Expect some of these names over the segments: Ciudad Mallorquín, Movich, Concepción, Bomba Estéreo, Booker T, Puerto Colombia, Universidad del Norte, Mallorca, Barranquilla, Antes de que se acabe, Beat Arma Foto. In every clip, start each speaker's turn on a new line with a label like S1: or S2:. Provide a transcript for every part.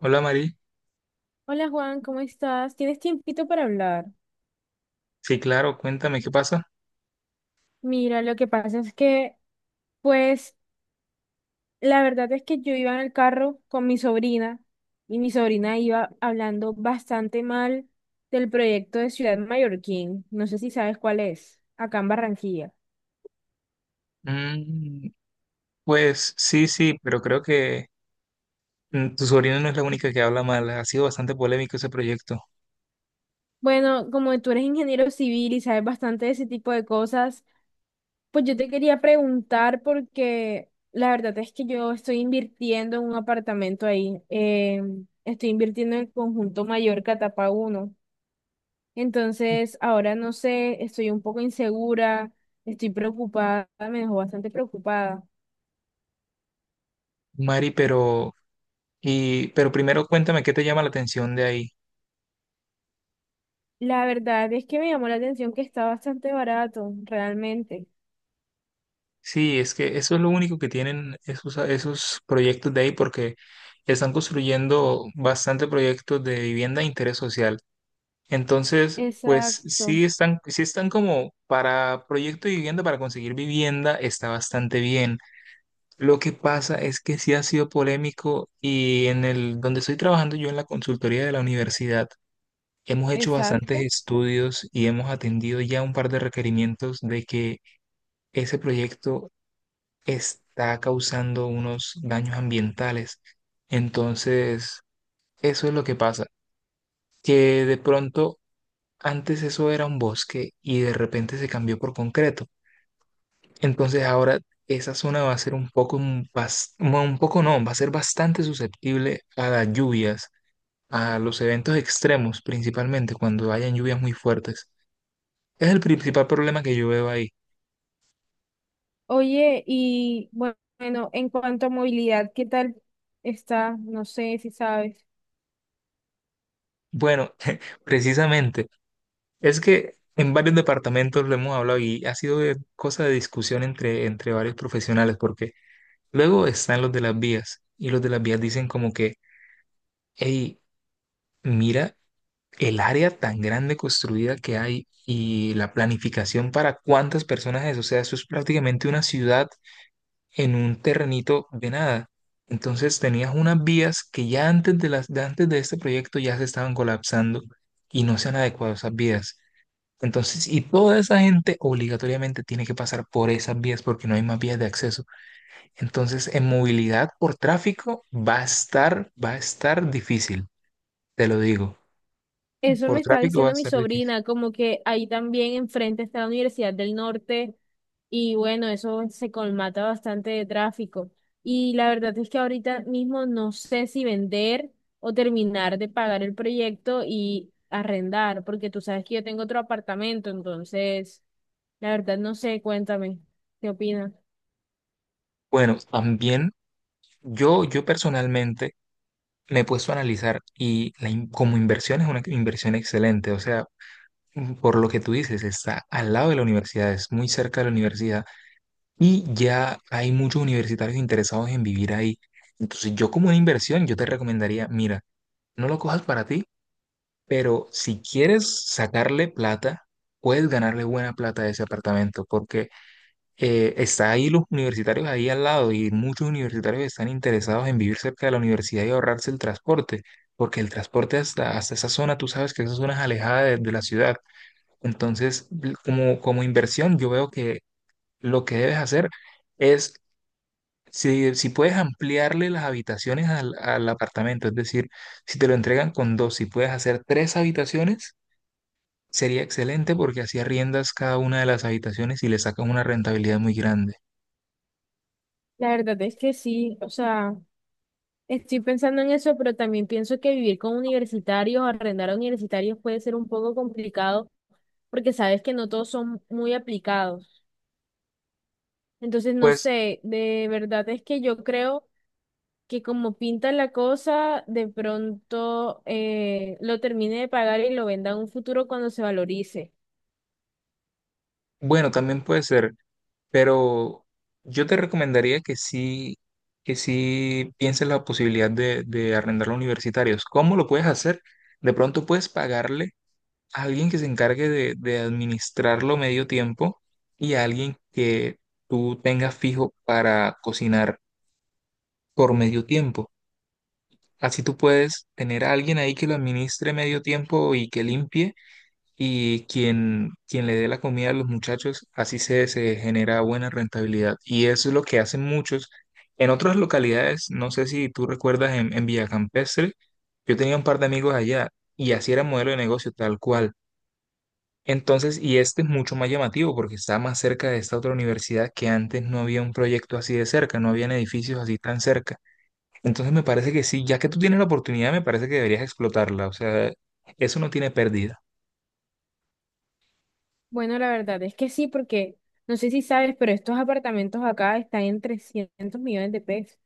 S1: Hola Mari,
S2: Hola Juan, ¿cómo estás? ¿Tienes tiempito para hablar?
S1: sí, claro, cuéntame qué pasa.
S2: Mira, lo que pasa es que, pues, la verdad es que yo iba en el carro con mi sobrina y mi sobrina iba hablando bastante mal del proyecto de Ciudad Mallorquín. No sé si sabes cuál es, acá en Barranquilla.
S1: Mm, pues sí, pero creo que tu sobrina no es la única que habla mal, ha sido bastante polémico ese proyecto.
S2: Bueno, como tú eres ingeniero civil y sabes bastante de ese tipo de cosas, pues yo te quería preguntar porque la verdad es que yo estoy invirtiendo en un apartamento ahí. Estoy invirtiendo en el conjunto Mallorca etapa uno. Entonces, ahora no sé, estoy un poco insegura, estoy preocupada, me dejó bastante preocupada.
S1: Mari, pero, y, pero primero cuéntame qué te llama la atención de ahí.
S2: La verdad es que me llamó la atención que está bastante barato, realmente.
S1: Sí, es que eso es lo único que tienen esos proyectos de ahí porque están construyendo bastante proyectos de vivienda de interés social. Entonces, pues
S2: Exacto,
S1: sí están como para proyecto de vivienda, para conseguir vivienda, está bastante bien. Lo que pasa es que sí ha sido polémico y en el donde estoy trabajando yo en la consultoría de la universidad, hemos hecho bastantes
S2: exacto.
S1: estudios y hemos atendido ya un par de requerimientos de que ese proyecto está causando unos daños ambientales. Entonces, eso es lo que pasa, que de pronto antes eso era un bosque y de repente se cambió por concreto. Entonces ahora esa zona va a ser un poco, no, un poco no, va a ser bastante susceptible a las lluvias, a los eventos extremos principalmente, cuando hayan lluvias muy fuertes. Es el principal problema que yo veo ahí.
S2: Oye, y bueno, en cuanto a movilidad, ¿qué tal está? No sé si sabes.
S1: Bueno, precisamente, es que en varios departamentos lo hemos hablado y ha sido cosa de discusión entre varios profesionales, porque luego están los de las vías y los de las vías dicen como que, hey, mira el área tan grande construida que hay y la planificación para cuántas personas es. O sea, eso es prácticamente una ciudad en un terrenito de nada. Entonces tenías unas vías que ya antes de antes de este proyecto ya se estaban colapsando y no se han adecuado a esas vías. Entonces, y toda esa gente obligatoriamente tiene que pasar por esas vías porque no hay más vías de acceso. Entonces, en movilidad por tráfico va a estar difícil, te lo digo.
S2: Eso
S1: Por
S2: me está
S1: tráfico va a
S2: diciendo mi
S1: estar difícil.
S2: sobrina, como que ahí también enfrente está la Universidad del Norte y bueno, eso se colmata bastante de tráfico. Y la verdad es que ahorita mismo no sé si vender o terminar de pagar el proyecto y arrendar, porque tú sabes que yo tengo otro apartamento, entonces, la verdad no sé, cuéntame, ¿qué opinas?
S1: Bueno, también yo personalmente me he puesto a analizar y como inversión es una inversión excelente, o sea, por lo que tú dices, está al lado de la universidad, es muy cerca de la universidad y ya hay muchos universitarios interesados en vivir ahí. Entonces yo como una inversión, yo te recomendaría, mira, no lo cojas para ti, pero si quieres sacarle plata, puedes ganarle buena plata a ese apartamento, porque está ahí los universitarios ahí al lado y muchos universitarios están interesados en vivir cerca de la universidad y ahorrarse el transporte, porque el transporte hasta esa zona, tú sabes que esa zona es alejada de la ciudad. Entonces, como, como inversión, yo veo que lo que debes hacer es, si puedes ampliarle las habitaciones al apartamento, es decir, si te lo entregan con dos, si puedes hacer tres habitaciones, sería excelente porque así arriendas cada una de las habitaciones y le sacas una rentabilidad muy grande.
S2: La verdad es que sí, o sea... Estoy pensando en eso, pero también pienso que vivir con universitarios, arrendar a universitarios puede ser un poco complicado porque sabes que no todos son muy aplicados. Entonces, no
S1: Pues
S2: sé, de verdad es que yo creo que como pinta la cosa, de pronto lo termine de pagar y lo venda en un futuro cuando se valorice.
S1: bueno, también puede ser, pero yo te recomendaría que sí pienses la posibilidad de arrendarlo a universitarios. ¿Cómo lo puedes hacer? De pronto puedes pagarle a alguien que se encargue de administrarlo medio tiempo y a alguien que tú tengas fijo para cocinar por medio tiempo. Así tú puedes tener a alguien ahí que lo administre medio tiempo y que limpie y quien le dé la comida a los muchachos, así se genera buena rentabilidad. Y eso es lo que hacen muchos. En otras localidades, no sé si tú recuerdas en Villa Campestre, yo tenía un par de amigos allá y así era modelo de negocio tal cual. Entonces, y este es mucho más llamativo porque está más cerca de esta otra universidad que antes no había un proyecto así de cerca, no habían edificios así tan cerca. Entonces me parece que sí, ya que tú tienes la oportunidad, me parece que deberías explotarla. O sea, eso no tiene pérdida.
S2: Bueno, la verdad es que sí, porque no sé si sabes, pero estos apartamentos acá están en 300 millones de pesos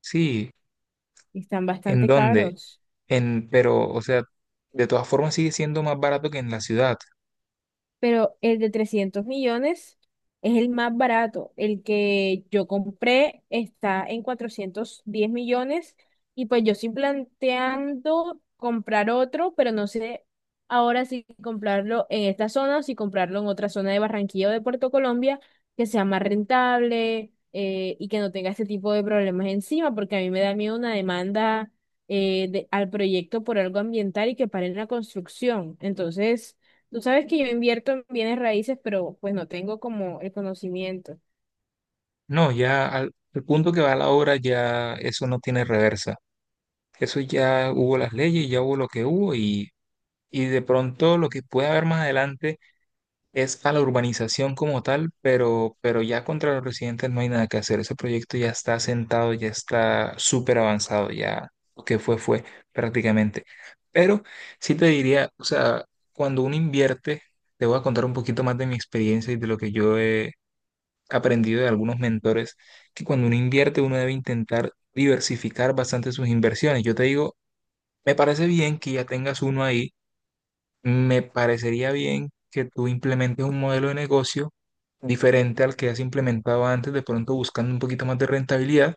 S1: Sí,
S2: y están
S1: ¿en
S2: bastante
S1: dónde?
S2: caros.
S1: En, pero, o sea, de todas formas sigue siendo más barato que en la ciudad.
S2: Pero el de 300 millones es el más barato. El que yo compré está en 410 millones y pues yo estoy planteando comprar otro, pero no sé ahora si comprarlo en esta zona o si comprarlo en otra zona de Barranquilla o de Puerto Colombia que sea más rentable. Y que no tenga este tipo de problemas encima, porque a mí me da miedo una demanda al proyecto por algo ambiental y que paren la construcción. Entonces, tú sabes que yo invierto en bienes raíces, pero pues no tengo como el conocimiento.
S1: No, ya al punto que va la obra ya eso no tiene reversa. Eso ya hubo las leyes, ya hubo lo que hubo y de pronto lo que puede haber más adelante es a la urbanización como tal, pero ya contra los residentes no hay nada que hacer. Ese proyecto ya está sentado, ya está súper avanzado, ya lo que fue, fue prácticamente. Pero sí te diría, o sea, cuando uno invierte, te voy a contar un poquito más de mi experiencia y de lo que yo he aprendido de algunos mentores, que cuando uno invierte, uno debe intentar diversificar bastante sus inversiones. Yo te digo, me parece bien que ya tengas uno ahí, me parecería bien que tú implementes un modelo de negocio diferente al que has implementado antes, de pronto buscando un poquito más de rentabilidad,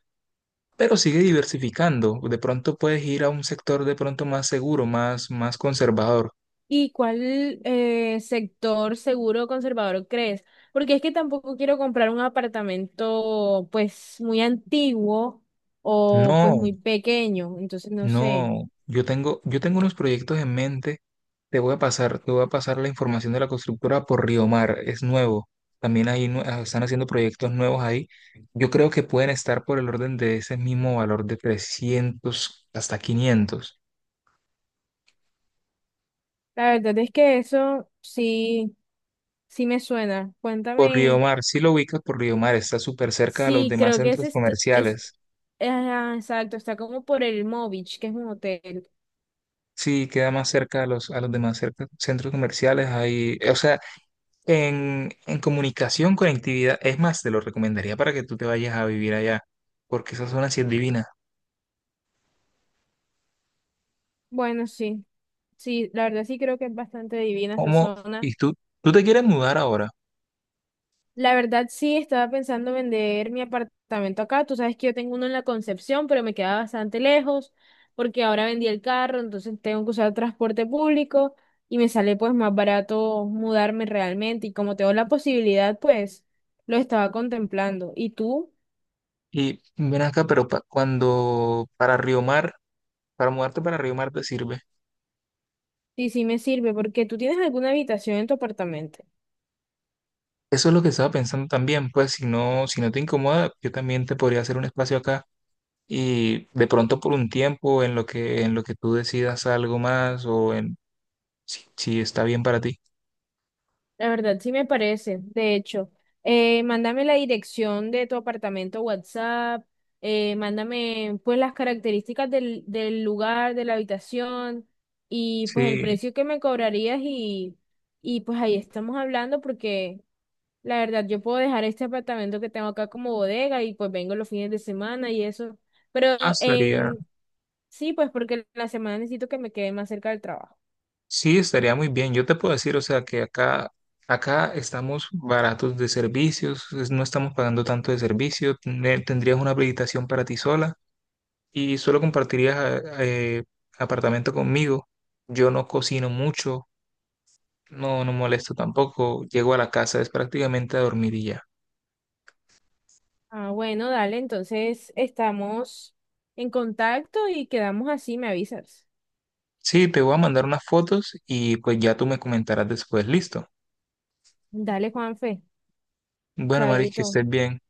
S1: pero sigue diversificando. De pronto puedes ir a un sector de pronto más seguro, más, más conservador.
S2: ¿Y cuál sector seguro conservador crees? Porque es que tampoco quiero comprar un apartamento pues muy antiguo o pues
S1: No,
S2: muy pequeño, entonces no sé.
S1: no. Yo tengo unos proyectos en mente. Te voy a pasar la información de la constructora por Río Mar. Es nuevo. También ahí están haciendo proyectos nuevos ahí. Yo creo que pueden estar por el orden de ese mismo valor de 300 hasta 500.
S2: La verdad es que eso sí, sí me suena.
S1: Por Río
S2: Cuéntame,
S1: Mar, sí lo ubicas por Río Mar, está súper cerca de los
S2: sí,
S1: demás
S2: creo que es,
S1: centros
S2: est- es,
S1: comerciales.
S2: ah, exacto, está como por el Movich, que es un hotel.
S1: Sí, queda más cerca a a los demás centros comerciales. Ahí, o sea, en comunicación, conectividad, es más, te lo recomendaría para que tú te vayas a vivir allá, porque esa zona sí es divina.
S2: Bueno, sí, sí, la verdad sí creo que es bastante divina esa
S1: ¿Cómo?
S2: zona.
S1: Y tú te quieres mudar ahora.
S2: La verdad sí estaba pensando vender mi apartamento acá. Tú sabes que yo tengo uno en la Concepción, pero me queda bastante lejos porque ahora vendí el carro, entonces tengo que usar transporte público y me sale pues más barato mudarme realmente. Y como tengo la posibilidad, pues lo estaba contemplando. ¿Y tú?
S1: Y ven acá, pero cuando para Río Mar, para mudarte para Río Mar te sirve.
S2: Sí, sí me sirve porque tú tienes alguna habitación en tu apartamento.
S1: Eso es lo que estaba pensando también, pues si no, si no te incomoda, yo también te podría hacer un espacio acá. Y de pronto por un tiempo en lo que tú decidas algo más o en si, si está bien para ti.
S2: La verdad, sí me parece. De hecho, mándame la dirección de tu apartamento WhatsApp, mándame pues las características del lugar, de la habitación y pues el
S1: Sí,
S2: precio que me cobrarías y pues ahí estamos hablando porque la verdad yo puedo dejar este apartamento que tengo acá como bodega y pues vengo los fines de semana y eso. Pero
S1: ah, estaría,
S2: en sí, pues porque la semana necesito que me quede más cerca del trabajo.
S1: sí, estaría muy bien. Yo te puedo decir, o sea, que acá, acá estamos baratos de servicios, no estamos pagando tanto de servicio, tendrías una habilitación para ti sola y solo compartirías apartamento conmigo. Yo no cocino mucho, no, no molesto tampoco, llego a la casa, es prácticamente a dormir y ya.
S2: Ah, bueno, dale, entonces estamos en contacto y quedamos así, me avisas.
S1: Sí, te voy a mandar unas fotos y pues ya tú me comentarás después. Listo.
S2: Dale, Juanfe,
S1: Bueno, Maris, que
S2: chaito.
S1: estés bien.